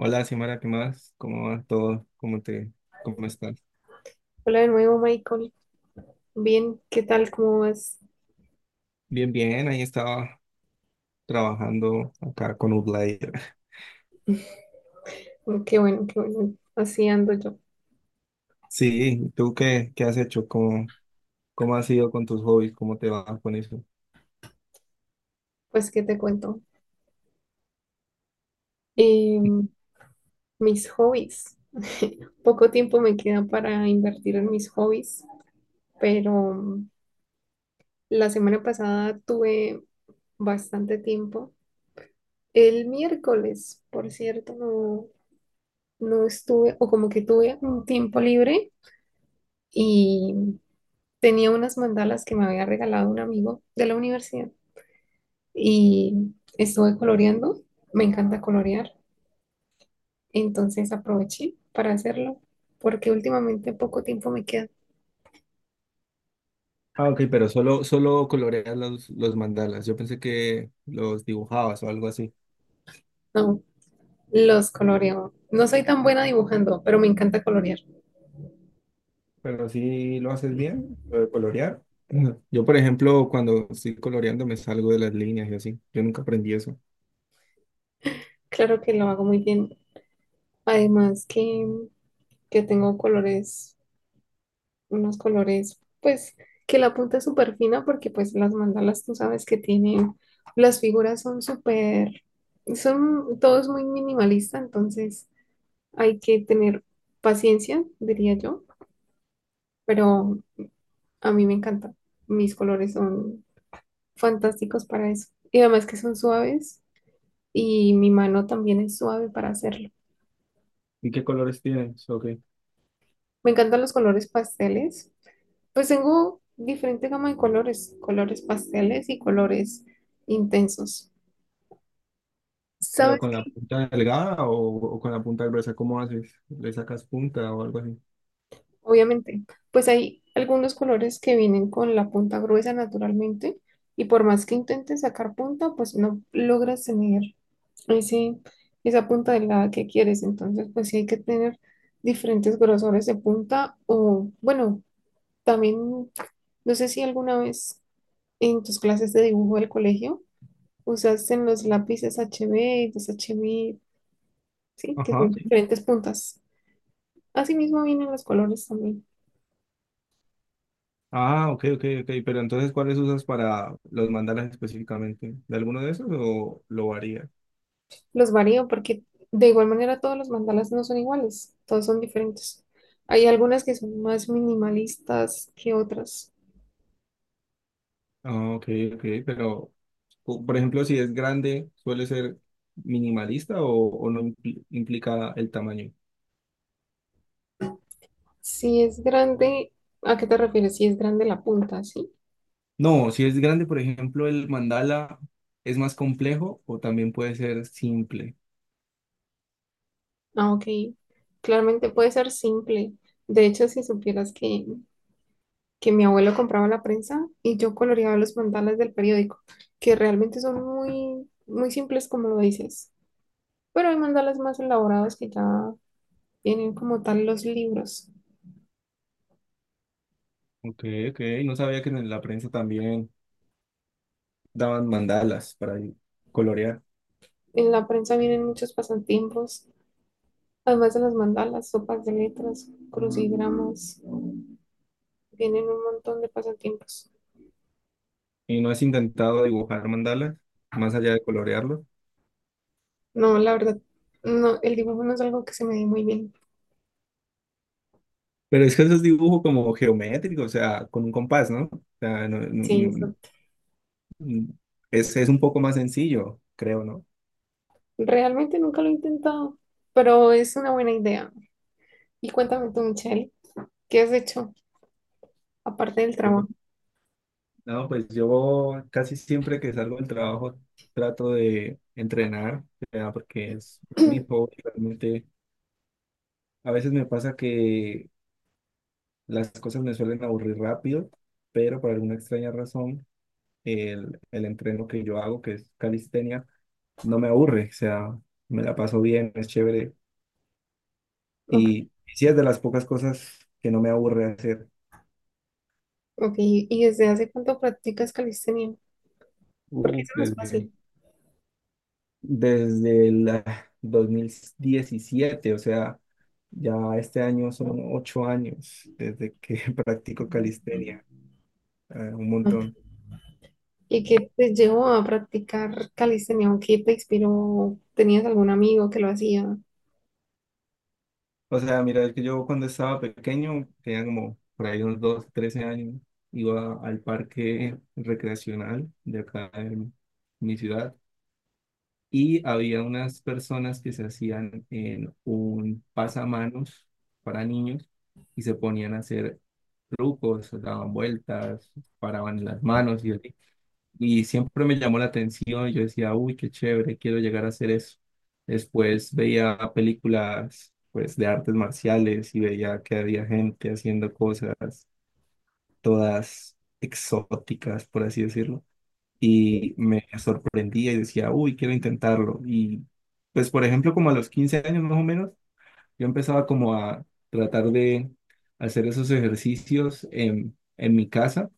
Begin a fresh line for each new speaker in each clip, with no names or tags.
Hola, Simara, ¿qué más? ¿Cómo va todo? ¿Cómo estás?
Hola de nuevo, Michael. Bien, ¿qué tal? ¿Cómo vas?
Bien, bien, ahí estaba trabajando acá con Outlier.
Qué bueno, qué bueno. Así ando yo.
Sí, ¿qué has hecho? ¿Cómo has ido con tus hobbies? ¿Cómo te va con eso?
Pues, ¿qué te cuento? Em, mis hobbies. Poco tiempo me queda para invertir en mis hobbies, pero la semana pasada tuve bastante tiempo. El miércoles, por cierto, no, no estuve, o como que tuve un tiempo libre y tenía unas mandalas que me había regalado un amigo de la universidad. Y estuve coloreando. Me encanta colorear, entonces aproveché para hacerlo porque últimamente poco tiempo me queda.
Ah, ok, pero solo coloreas los mandalas. Yo pensé que los dibujabas o algo así.
No, los coloreo. No soy tan buena dibujando, pero me encanta colorear.
Pero sí lo haces bien, lo de colorear. Ujú. Yo, por ejemplo, cuando estoy coloreando me salgo de las líneas y así. Yo nunca aprendí eso.
Claro que lo hago muy bien. Además que tengo colores, unos colores, pues que la punta es súper fina porque pues las mandalas tú sabes que tienen, las figuras son súper, son, todo es muy minimalista, entonces hay que tener paciencia, diría yo, pero a mí me encanta. Mis colores son fantásticos para eso. Y además que son suaves y mi mano también es suave para hacerlo.
¿Y qué colores tienes? Ok.
Me encantan los colores pasteles. Pues tengo diferente gama de colores, colores pasteles y colores intensos.
¿Pero
¿Sabes?
con la punta delgada o con la punta gruesa? ¿Cómo haces? ¿Le sacas punta o algo así?
Obviamente, pues hay algunos colores que vienen con la punta gruesa naturalmente y por más que intentes sacar punta, pues no logras tener ese, esa punta delgada que quieres. Entonces, pues sí hay que tener diferentes grosores de punta o, bueno, también, no sé si alguna vez en tus clases de dibujo del colegio usaste los lápices HB, los HB, sí, que
Ajá,
son
sí.
diferentes puntas. Asimismo vienen los colores también.
Ah, ok, ok, ok. Pero entonces, ¿cuáles usas para los mandalas específicamente? ¿De alguno de esos o lo varía?
Los varío porque de igual manera todos los mandalas no son iguales, todos son diferentes. Hay algunas que son más minimalistas que otras.
Ah, ok, ok. Pero, por ejemplo, si es grande, ¿suele ser minimalista o no implica el tamaño?
Si es grande, ¿a qué te refieres? Si es grande la punta, ¿sí?
No, si es grande, por ejemplo, el mandala es más complejo o también puede ser simple.
Ah, ok. Claramente puede ser simple. De hecho, si supieras que mi abuelo compraba la prensa y yo coloreaba los mandalas del periódico, que realmente son muy, muy simples como lo dices. Pero hay mandalas más elaborados que ya vienen como tal los libros.
Ok, ok. No sabía que en la prensa también daban mandalas para colorear.
En la prensa vienen muchos pasatiempos, además de las mandalas, sopas de letras, crucigramas, vienen un montón de pasatiempos.
Y no has intentado dibujar mandalas, más allá de colorearlo.
No, la verdad, no, el dibujo no es algo que se me dé muy bien.
Pero es que eso es dibujo como geométrico, o sea, con un compás, ¿no? O sea,
Sí, eso.
no- es un poco más sencillo, creo, ¿no?
Realmente nunca lo he intentado, pero es una buena idea. Y cuéntame tú, Michelle, ¿qué has hecho aparte del trabajo?
No, pues yo casi siempre que salgo del trabajo trato de entrenar, o sea, porque es mi hobby, realmente. A veces me pasa que las cosas me suelen aburrir rápido, pero por alguna extraña razón el entreno que yo hago, que es calistenia, no me aburre, o sea, me la paso bien, es chévere.
Ok,
Y sí es de las pocas cosas que no me aburre hacer.
ok. ¿Y desde hace cuánto practicas calistenia? Porque
Uf,
eso no es fácil.
desde el 2017, o sea, ya este año son 8 años desde que practico calistenia, un montón.
¿Y qué te llevó a practicar calistenia? ¿O qué te inspiró? ¿Tenías algún amigo que lo hacía?
O sea, mira, es que yo cuando estaba pequeño, tenía como por ahí unos 12, 13 años, iba al parque recreacional de acá en mi ciudad y había unas personas que se hacían en un pasamanos para niños y se ponían a hacer trucos, daban vueltas, paraban las manos y así. Y siempre me llamó la atención, yo decía, uy, qué chévere, quiero llegar a hacer eso. Después veía películas, pues, de artes marciales y veía que había gente haciendo cosas todas exóticas, por así decirlo. Y me sorprendía y decía, uy, quiero intentarlo. Y, pues, por ejemplo, como a los 15 años más o menos, yo empezaba como a tratar de hacer esos ejercicios en mi casa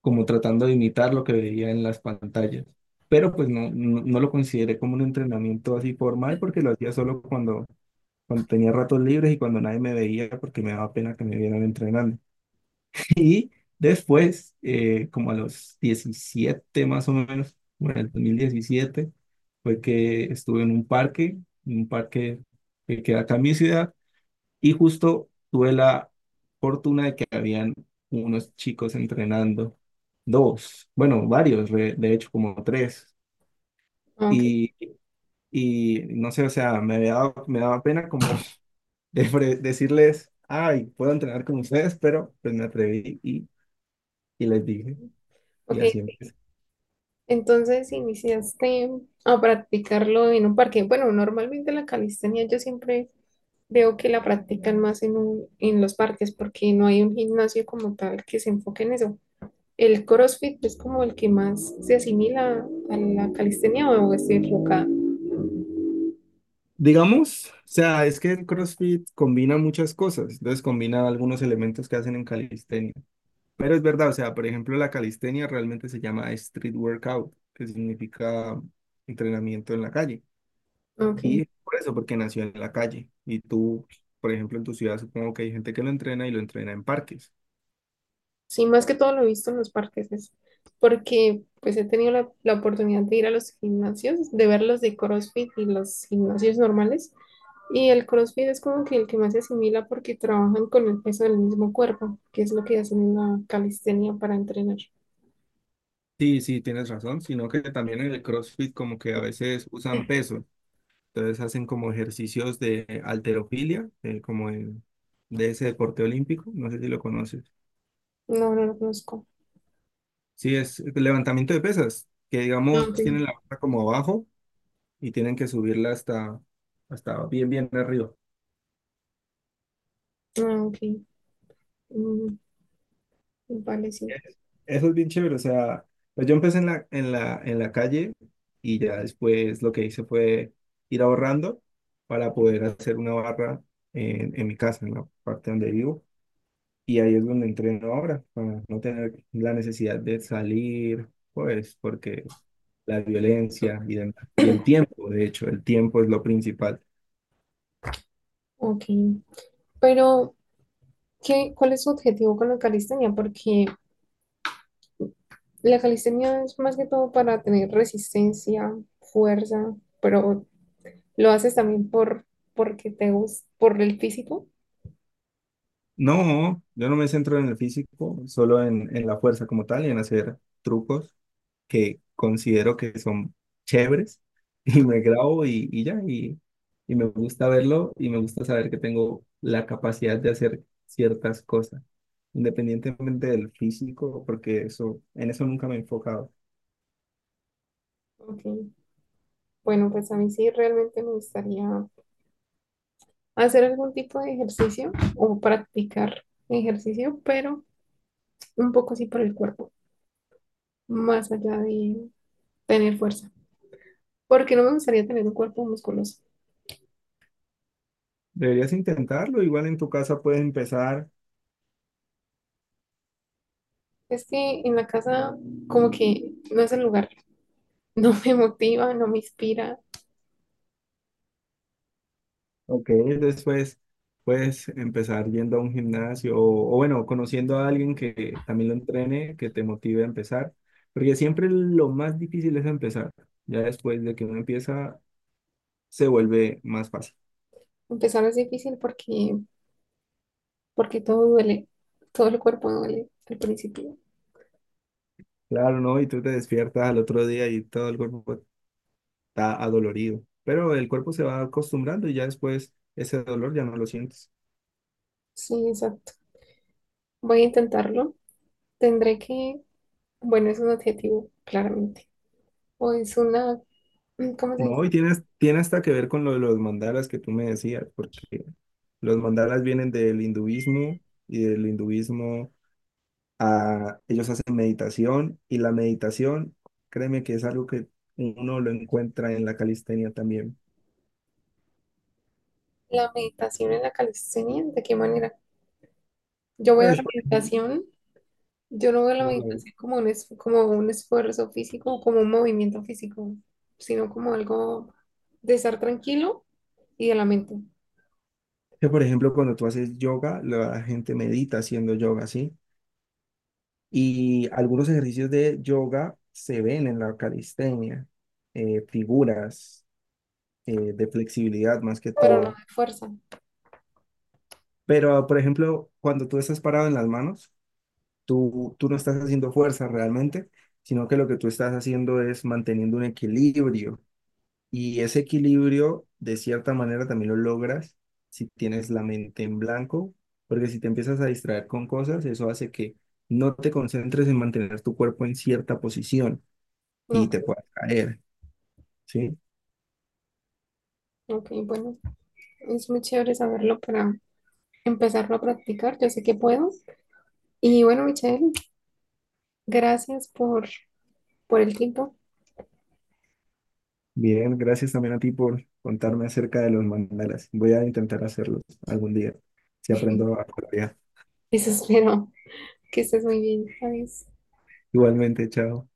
como tratando de imitar lo que veía en las pantallas. Pero pues no lo consideré como un entrenamiento así formal porque lo hacía solo cuando tenía ratos libres y cuando nadie me veía porque me daba pena que me vieran entrenando. Y después, como a los 17 más o menos, bueno, el 2017 fue que estuve en un parque que queda acá en mi ciudad, y justo tuve la fortuna de que habían unos chicos entrenando, dos, bueno, varios, de hecho, como tres.
Ok,
Y, y no sé, o sea, me daba pena como decirles, ay, puedo entrenar con ustedes, pero pues me atreví y les dije, y
ok.
así empecé.
Entonces iniciaste a practicarlo en un parque. Bueno, normalmente la calistenia yo siempre veo que la practican más en un- en los parques porque no hay un gimnasio como tal que se enfoque en eso. ¿El CrossFit es como el que más se asimila a la calistenia o es equivocada?
Digamos, o sea, es que el CrossFit combina muchas cosas, entonces combina algunos elementos que hacen en calistenia. Pero es verdad, o sea, por ejemplo, la calistenia realmente se llama street workout, que significa entrenamiento en la calle. Y
Ok.
es por eso, porque nació en la calle. Y tú, por ejemplo, en tu ciudad supongo que hay gente que lo entrena y lo entrena en parques.
Sí, más que todo lo he visto en los parques, es porque pues he tenido la, la oportunidad de ir a los gimnasios, de ver los de CrossFit y los gimnasios normales. Y el CrossFit es como que el que más se asimila porque trabajan con el peso del mismo cuerpo, que es lo que hacen en la calistenia para entrenar.
Sí, sí, tienes razón, sino que también en el CrossFit como que a veces usan peso, entonces hacen como ejercicios de halterofilia, de ese deporte olímpico, no sé si lo conoces.
No, no lo conozco.
Sí, es levantamiento de pesas, que
Ah,
digamos
ok,
tienen la barra como abajo y tienen que subirla hasta, hasta bien, bien arriba.
ah, ok. Mm, vale, sí.
Eso es bien chévere, o sea, pues yo empecé en en la calle y ya después lo que hice fue ir ahorrando para poder hacer una barra en mi casa, en la parte donde vivo. Y ahí es donde entreno ahora, para no tener la necesidad de salir, pues, porque la violencia y el tiempo, de hecho, el tiempo es lo principal.
Ok. Pero, ¿qué, cuál es su objetivo con la calistenia? Porque la calistenia es más que todo para tener resistencia, fuerza, pero lo haces también por porque te gusta, por el físico.
No, yo no me centro en el físico, solo en la fuerza como tal y en hacer trucos que considero que son chéveres y me grabo y me gusta verlo y me gusta saber que tengo la capacidad de hacer ciertas cosas, independientemente del físico, porque eso, en eso nunca me he enfocado.
Ok. Bueno, pues a mí sí realmente me gustaría hacer algún tipo de ejercicio o practicar ejercicio, pero un poco así por el cuerpo, más allá de tener fuerza, porque no me gustaría tener un cuerpo musculoso.
Deberías intentarlo, igual en tu casa puedes empezar.
Es que en la casa como que no es el lugar, no me motiva, no me inspira.
Ok, después puedes empezar yendo a un gimnasio o bueno, conociendo a alguien que también lo entrene, que te motive a empezar, porque siempre lo más difícil es empezar. Ya después de que uno empieza, se vuelve más fácil.
Empezar es difícil porque porque todo duele, todo el cuerpo duele al principio.
Claro, ¿no? Y tú te despiertas al otro día y todo el cuerpo está adolorido, pero el cuerpo se va acostumbrando y ya después ese dolor ya no lo sientes.
Sí, exacto. Voy a intentarlo. Tendré que, bueno, es un adjetivo, claramente. O es una, ¿cómo se
No, y
dice?
tienes, tiene hasta que ver con lo de los mandalas que tú me decías, porque los mandalas vienen del hinduismo y del hinduismo a, ellos hacen meditación y la meditación, créeme que es algo que uno lo encuentra en la calistenia también.
La meditación en la calistenia, ¿de qué manera? Yo veo
Pues,
la
por ejemplo,
meditación, yo no veo la
como lo-
meditación como un, es- como un esfuerzo físico, o como un movimiento físico, sino como algo de estar tranquilo y de la mente,
que por ejemplo, cuando tú haces yoga, la gente medita haciendo yoga, ¿sí? Y algunos ejercicios de yoga se ven en la calistenia, figuras, de flexibilidad más que
pero no
todo.
de fuerza.
Pero, por ejemplo, cuando tú estás parado en las manos, tú no estás haciendo fuerza realmente, sino que lo que tú estás haciendo es manteniendo un equilibrio. Y ese equilibrio, de cierta manera, también lo logras si tienes la mente en blanco, porque si te empiezas a distraer con cosas, eso hace que no te concentres en mantener tu cuerpo en cierta posición
No,
y te
ok,
puedas caer, ¿sí?
ok, bueno, es muy chévere saberlo para empezarlo a practicar. Yo sé que puedo. Y bueno, Michelle, gracias por el tiempo.
Bien, gracias también a ti por contarme acerca de los mandalas. Voy a intentar hacerlos algún día, si aprendo a colorear.
Eso espero que estés muy bien. Adiós.
Igualmente, chao.